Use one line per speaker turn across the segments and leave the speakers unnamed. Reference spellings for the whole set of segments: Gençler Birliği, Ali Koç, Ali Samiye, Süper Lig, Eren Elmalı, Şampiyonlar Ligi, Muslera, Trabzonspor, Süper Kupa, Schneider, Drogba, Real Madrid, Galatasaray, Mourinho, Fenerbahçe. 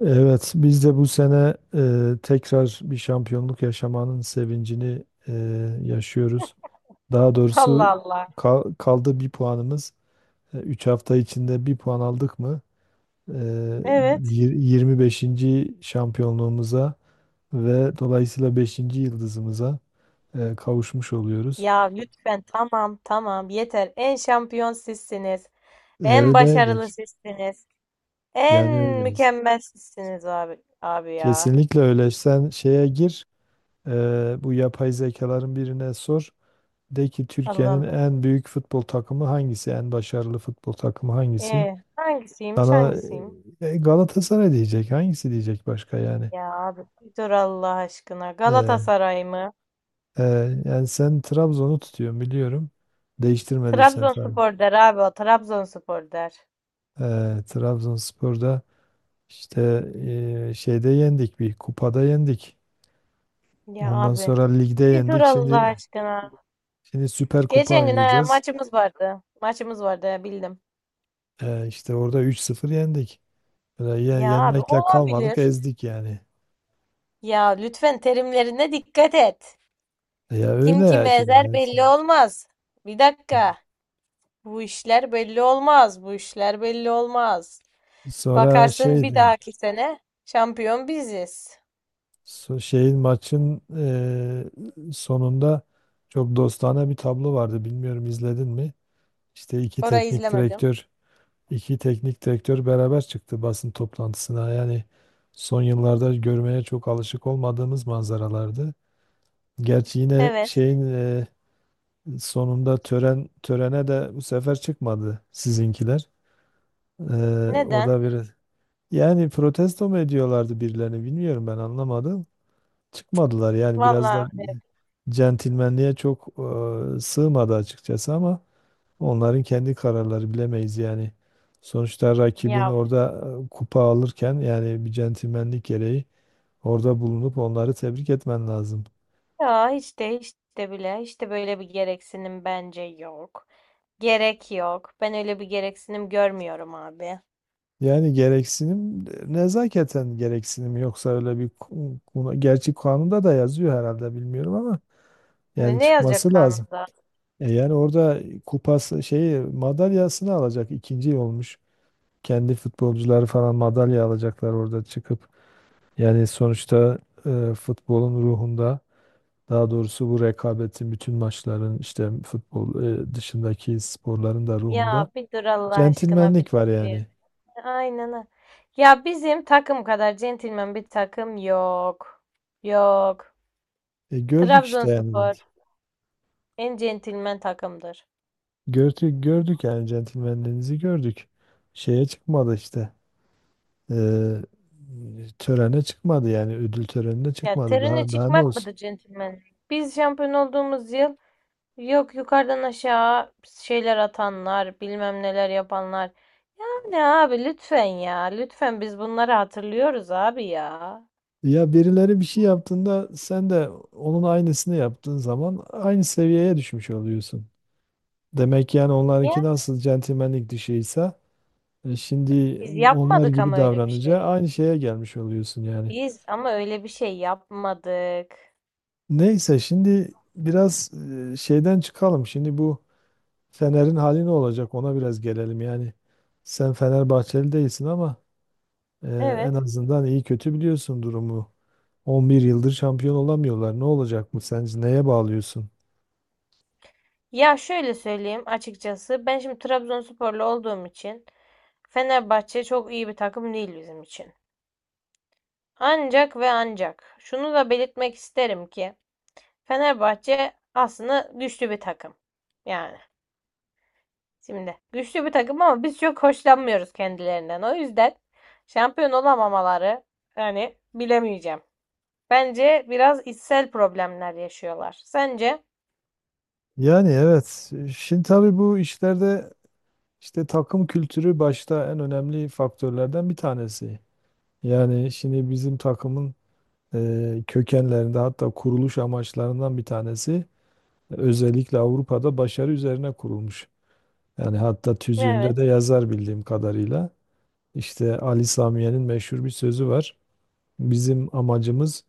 Evet, biz de bu sene tekrar bir şampiyonluk yaşamanın sevincini yaşıyoruz. Daha
Allah
doğrusu
Allah.
kaldı bir puanımız. 3 hafta içinde bir puan aldık mı e,
Evet.
25. şampiyonluğumuza ve dolayısıyla 5. yıldızımıza kavuşmuş oluyoruz.
Ya lütfen tamam tamam yeter. En şampiyon sizsiniz. En
Öyle,
başarılı sizsiniz. En
yani öyleyiz.
mükemmel sizsiniz abi abi ya.
Kesinlikle öyle. Sen şeye gir, bu yapay zekaların birine sor. De ki
Allah
Türkiye'nin
Allah.
en büyük futbol takımı hangisi? En başarılı futbol takımı hangisi?
Hangisiymiş
Sana
hangisiyim?
Galatasaray diyecek. Hangisi diyecek başka yani?
Ya abi bir dur Allah aşkına.
Ee,
Galatasaray mı?
e, Yani sen Trabzon'u tutuyorsun biliyorum. Değiştirmediysen tabii.
Trabzonspor der abi o. Trabzonspor der.
Trabzonspor'da işte şeyde yendik, bir kupada yendik.
Ya
Ondan
abi
sonra ligde
bir dur
yendik.
Allah
Şimdi
aşkına.
şimdi Süper Kupa
Geçen gün ha,
oynayacağız.
maçımız vardı. Maçımız vardı ya, bildim.
İşte orada 3-0 yendik. Böyle
Ya abi
yenmekle kalmadık,
olabilir.
ezdik yani.
Ya lütfen terimlerine dikkat et.
Ya
Kim
öyle ya
kimi
şimdi.
ezer belli olmaz. Bir dakika. Bu işler belli olmaz. Bu işler belli olmaz.
Sonra
Bakarsın bir
şeydi.
dahaki sene şampiyon biziz.
So- Şeyin Maçın sonunda çok dostane bir tablo vardı. Bilmiyorum izledin mi? İşte iki
Orayı
teknik
izlemedim.
direktör, beraber çıktı basın toplantısına. Yani son yıllarda görmeye çok alışık olmadığımız manzaralardı. Gerçi yine
Evet.
şeyin sonunda törene de bu sefer çıkmadı sizinkiler. E, o
Neden?
da bir Yani protesto mu ediyorlardı birilerini bilmiyorum, ben anlamadım. Çıkmadılar yani, biraz da
Vallahi öyle.
centilmenliğe çok sığmadı açıkçası, ama onların kendi kararları, bilemeyiz yani. Sonuçta rakibin
Ya,
orada kupa alırken yani bir centilmenlik gereği orada bulunup onları tebrik etmen lazım.
ya hiç de hiç de bile hiç de böyle bir gereksinim bence yok. Gerek yok. Ben öyle bir gereksinim görmüyorum abi.
Yani gereksinim nezaketen, gereksinim yoksa öyle bir gerçi kanunda da yazıyor herhalde, bilmiyorum ama
Ne
yani
ne yazacak
çıkması lazım.
kanunda?
Yani orada kupası şeyi madalyasını alacak ikinci olmuş. Kendi futbolcuları falan madalya alacaklar orada çıkıp. Yani sonuçta futbolun ruhunda, daha doğrusu bu rekabetin, bütün maçların, işte futbol dışındaki sporların da ruhunda
Ya bir dur Allah aşkına bir
centilmenlik var
dur.
yani.
Aynen. Ha. Ya bizim takım kadar centilmen bir takım yok. Yok.
Gördük işte yani.
Trabzonspor en centilmen takımdır.
Gördük, gördük yani, centilmenliğinizi gördük. Şeye çıkmadı işte. E, Törene çıkmadı yani, ödül törenine
Ya
çıkmadı.
terine
Daha daha ne
çıkmak
olsun?
mıdır centilmen? Biz şampiyon olduğumuz yıl yok yukarıdan aşağı şeyler atanlar, bilmem neler yapanlar. Yani abi lütfen ya. Lütfen biz bunları hatırlıyoruz abi ya.
Ya birileri bir şey yaptığında sen de onun aynısını yaptığın zaman aynı seviyeye düşmüş oluyorsun. Demek yani
Ya
onlarınki nasıl centilmenlik dışıysa, şimdi
biz
onlar
yapmadık
gibi
ama öyle bir
davranınca
şey.
aynı şeye gelmiş oluyorsun yani.
Biz ama öyle bir şey yapmadık.
Neyse, şimdi biraz şeyden çıkalım. Şimdi bu Fener'in hali ne olacak, ona biraz gelelim yani. Sen Fenerbahçeli değilsin ama e, en
Evet.
azından iyi kötü biliyorsun durumu. 11 yıldır şampiyon olamıyorlar. Ne olacak bu sence? Neye bağlıyorsun?
Ya şöyle söyleyeyim açıkçası. Ben şimdi Trabzonsporlu olduğum için Fenerbahçe çok iyi bir takım değil bizim için. Ancak ve ancak şunu da belirtmek isterim ki Fenerbahçe aslında güçlü bir takım. Yani şimdi güçlü bir takım ama biz çok hoşlanmıyoruz kendilerinden. O yüzden şampiyon olamamaları yani bilemeyeceğim. Bence biraz içsel problemler yaşıyorlar. Sence?
Yani evet. Şimdi tabii bu işlerde işte takım kültürü başta en önemli faktörlerden bir tanesi. Yani şimdi bizim takımın kökenlerinde, hatta kuruluş amaçlarından bir tanesi özellikle Avrupa'da başarı üzerine kurulmuş. Yani hatta tüzüğünde de
Evet.
yazar bildiğim kadarıyla. İşte Ali Samiye'nin meşhur bir sözü var. Bizim amacımız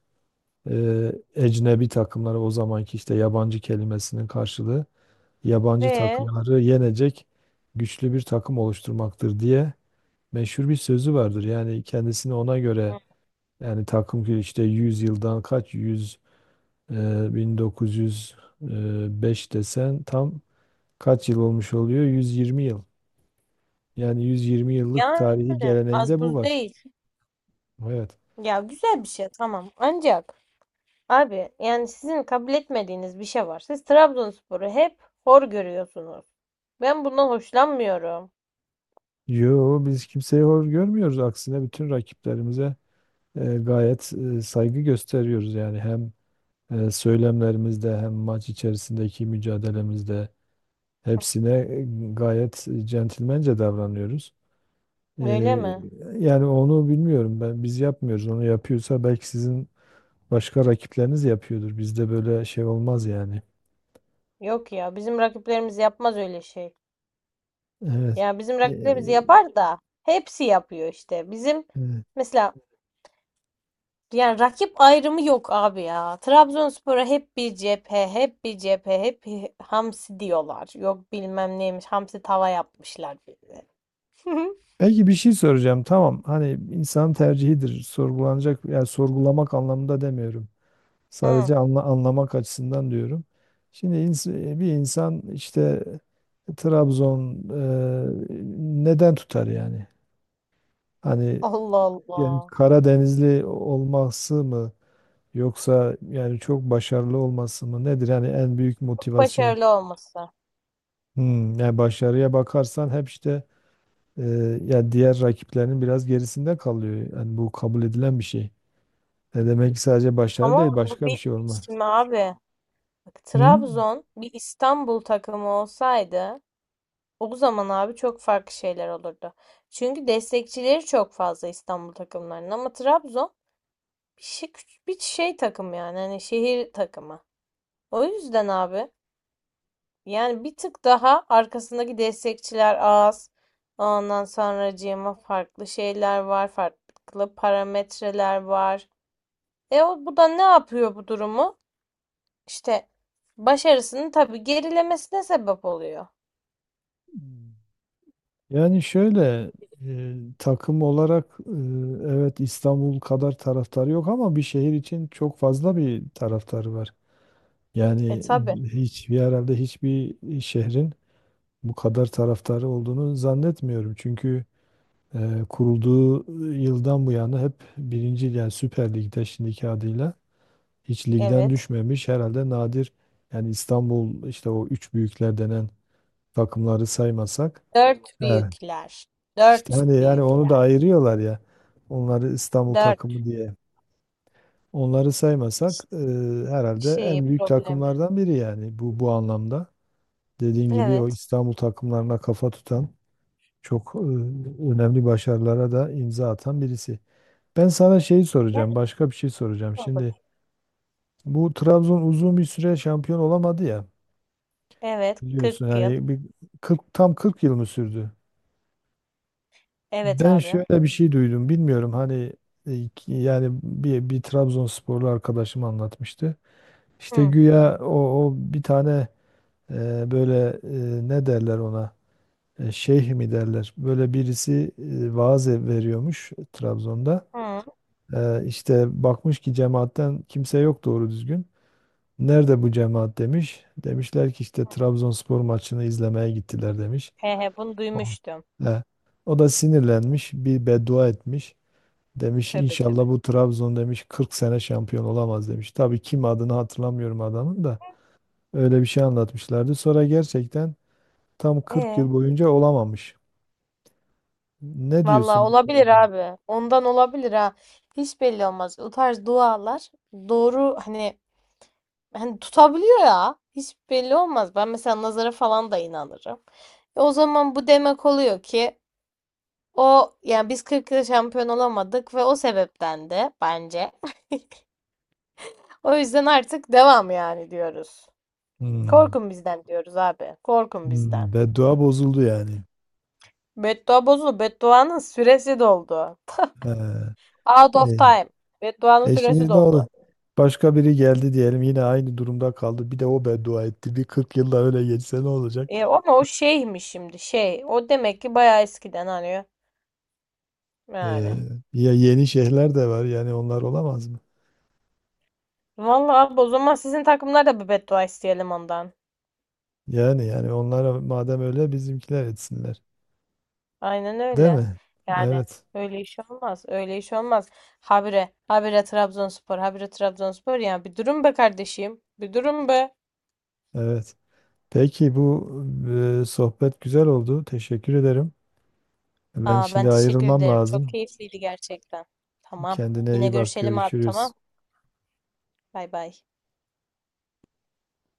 ecnebi takımları, o zamanki işte yabancı kelimesinin karşılığı, yabancı
Ee,
takımları yenecek güçlü bir takım oluşturmaktır diye meşhur bir sözü vardır. Yani kendisini ona göre, yani takım ki işte 100 yıldan kaç yüz, e, 1905 desen tam kaç yıl olmuş oluyor? 120 yıl. Yani 120 yıllık
yani
tarihi geleneğinde
az
bu
buz
var.
değil.
Evet.
Ya güzel bir şey tamam. Ancak abi yani sizin kabul etmediğiniz bir şey var. Siz Trabzonspor'u hep hor görüyorsunuz. Ben bundan hoşlanmıyorum.
Yo biz kimseyi hor görmüyoruz. Aksine bütün rakiplerimize gayet saygı gösteriyoruz, yani hem söylemlerimizde, hem maç içerisindeki mücadelemizde hepsine gayet centilmence davranıyoruz. E,
Öyle mi?
Yani onu bilmiyorum, ben biz yapmıyoruz. Onu yapıyorsa belki sizin başka rakipleriniz yapıyordur. Bizde böyle şey olmaz yani.
Yok ya bizim rakiplerimiz yapmaz öyle şey.
Evet.
Ya bizim
E,
rakiplerimiz yapar da hepsi yapıyor işte. Bizim
e,
mesela. Yani rakip ayrımı yok abi ya. Trabzonspor'a hep bir cephe, hep bir cephe, hep bir hamsi diyorlar. Yok bilmem neymiş, hamsi tava yapmışlar bize.
Belki bir şey soracağım. Tamam. Hani insan tercihidir. Sorgulanacak, yani sorgulamak anlamında demiyorum.
Hı.
Sadece anlamak açısından diyorum. Şimdi bir insan işte Trabzon neden tutar yani? Hani
Allah
yani
Allah.
Karadenizli olması mı, yoksa yani çok başarılı olması mı nedir? Yani en büyük
Çok
motivasyon.
başarılı olması.
Hmm, yani başarıya bakarsan hep işte e, ya diğer rakiplerinin biraz gerisinde kalıyor. Yani bu kabul edilen bir şey. Ne demek ki sadece başarı,
Ama
değil
bu
başka bir
bir,
şey olma.
şimdi abi bak,
Hmm?
Trabzon bir İstanbul takımı olsaydı o zaman abi çok farklı şeyler olurdu. Çünkü destekçileri çok fazla İstanbul takımlarının ama Trabzon bir şey, bir şey takım yani hani şehir takımı. O yüzden abi yani bir tık daha arkasındaki destekçiler az. Ondan sonracığıma farklı şeyler var, farklı parametreler var. E o, bu da ne yapıyor bu durumu? İşte başarısının tabii gerilemesine sebep oluyor.
Yani şöyle takım olarak, evet İstanbul kadar taraftarı yok ama bir şehir için çok fazla bir taraftarı var.
E
Yani
tabii.
hiç, herhalde hiçbir şehrin bu kadar taraftarı olduğunu zannetmiyorum. Çünkü kurulduğu yıldan bu yana hep birinci, yani Süper Lig'de şimdiki adıyla hiç ligden
Evet.
düşmemiş herhalde, nadir yani, İstanbul işte o üç büyükler denen takımları saymasak.
Dört
He.
büyükler.
İşte
Dört
hani yani onu da
büyükler.
ayırıyorlar ya. Onları İstanbul
Dört
takımı diye. Onları saymasak herhalde
şeyi
en büyük
problemi.
takımlardan biri yani, bu anlamda. Dediğin gibi o
Evet.
İstanbul takımlarına kafa tutan, çok önemli başarılara da imza atan birisi. Ben sana şeyi
Evet,
soracağım, başka bir şey soracağım.
sor
Şimdi
bakayım.
bu Trabzon uzun bir süre şampiyon olamadı ya,
Evet,
biliyorsun
40 yıl.
yani bir 40, tam 40 yıl mı sürdü?
Evet
Ben
abi.
şöyle bir şey duydum. Bilmiyorum hani, yani bir Trabzonsporlu arkadaşım anlatmıştı. İşte
Hı,
güya o bir tane, böyle, ne derler ona, şeyh mi derler. Böyle birisi vaaz veriyormuş Trabzon'da.
hı.
İşte bakmış ki cemaatten kimse yok doğru düzgün. Nerede bu cemaat demiş. Demişler ki işte Trabzonspor maçını izlemeye gittiler demiş.
He he, bunu
Aa.
duymuştum.
E, O da sinirlenmiş, bir beddua etmiş. Demiş
Tövbe
inşallah
tövbe.
bu Trabzon demiş 40 sene şampiyon olamaz demiş. Tabii kim, adını hatırlamıyorum adamın da, öyle bir şey anlatmışlardı. Sonra gerçekten tam 40
E,
yıl boyunca olamamış. Ne
vallahi
diyorsun bu
olabilir
konuda?
abi. Ondan olabilir ha. Hiç belli olmaz. O tarz dualar doğru hani, hani tutabiliyor ya. Hiç belli olmaz. Ben mesela nazara falan da inanırım. E, o zaman bu demek oluyor ki. O yani biz 40 yıl şampiyon olamadık ve o sebepten de bence. O yüzden artık devam yani diyoruz.
Hmm.
Korkun bizden diyoruz abi. Korkun bizden.
Hmm. Beddua bozuldu yani.
Beddua bozuldu. Bedduanın süresi doldu.
He.
Out of
E,
time. Bedduanın süresi
Şimdi ne
doldu.
oldu? Başka biri geldi diyelim, yine aynı durumda kaldı. Bir de o beddua etti. Bir 40 yılda öyle geçse ne olacak?
E, ama o şeymiş şimdi şey. O demek ki bayağı eskiden hani. Yani.
Ee, Ya yeni şeyler de var, yani onlar olamaz mı?
Vallahi abi, o zaman sizin takımlar da bir beddua isteyelim ondan.
Yani onlara madem öyle bizimkiler etsinler.
Aynen
Değil
öyle.
mi?
Yani
Evet,
öyle iş olmaz. Öyle iş olmaz. Habire, habire Trabzonspor, habire Trabzonspor. Yani bir durum be kardeşim. Bir durum be.
evet. Peki bu sohbet güzel oldu. Teşekkür ederim. Ben
Aa,
şimdi
ben teşekkür
ayrılmam
ederim. Çok
lazım.
keyifliydi gerçekten. Tamam.
Kendine
Yine
iyi bak.
görüşelim abi
Görüşürüz.
tamam. Bay bay.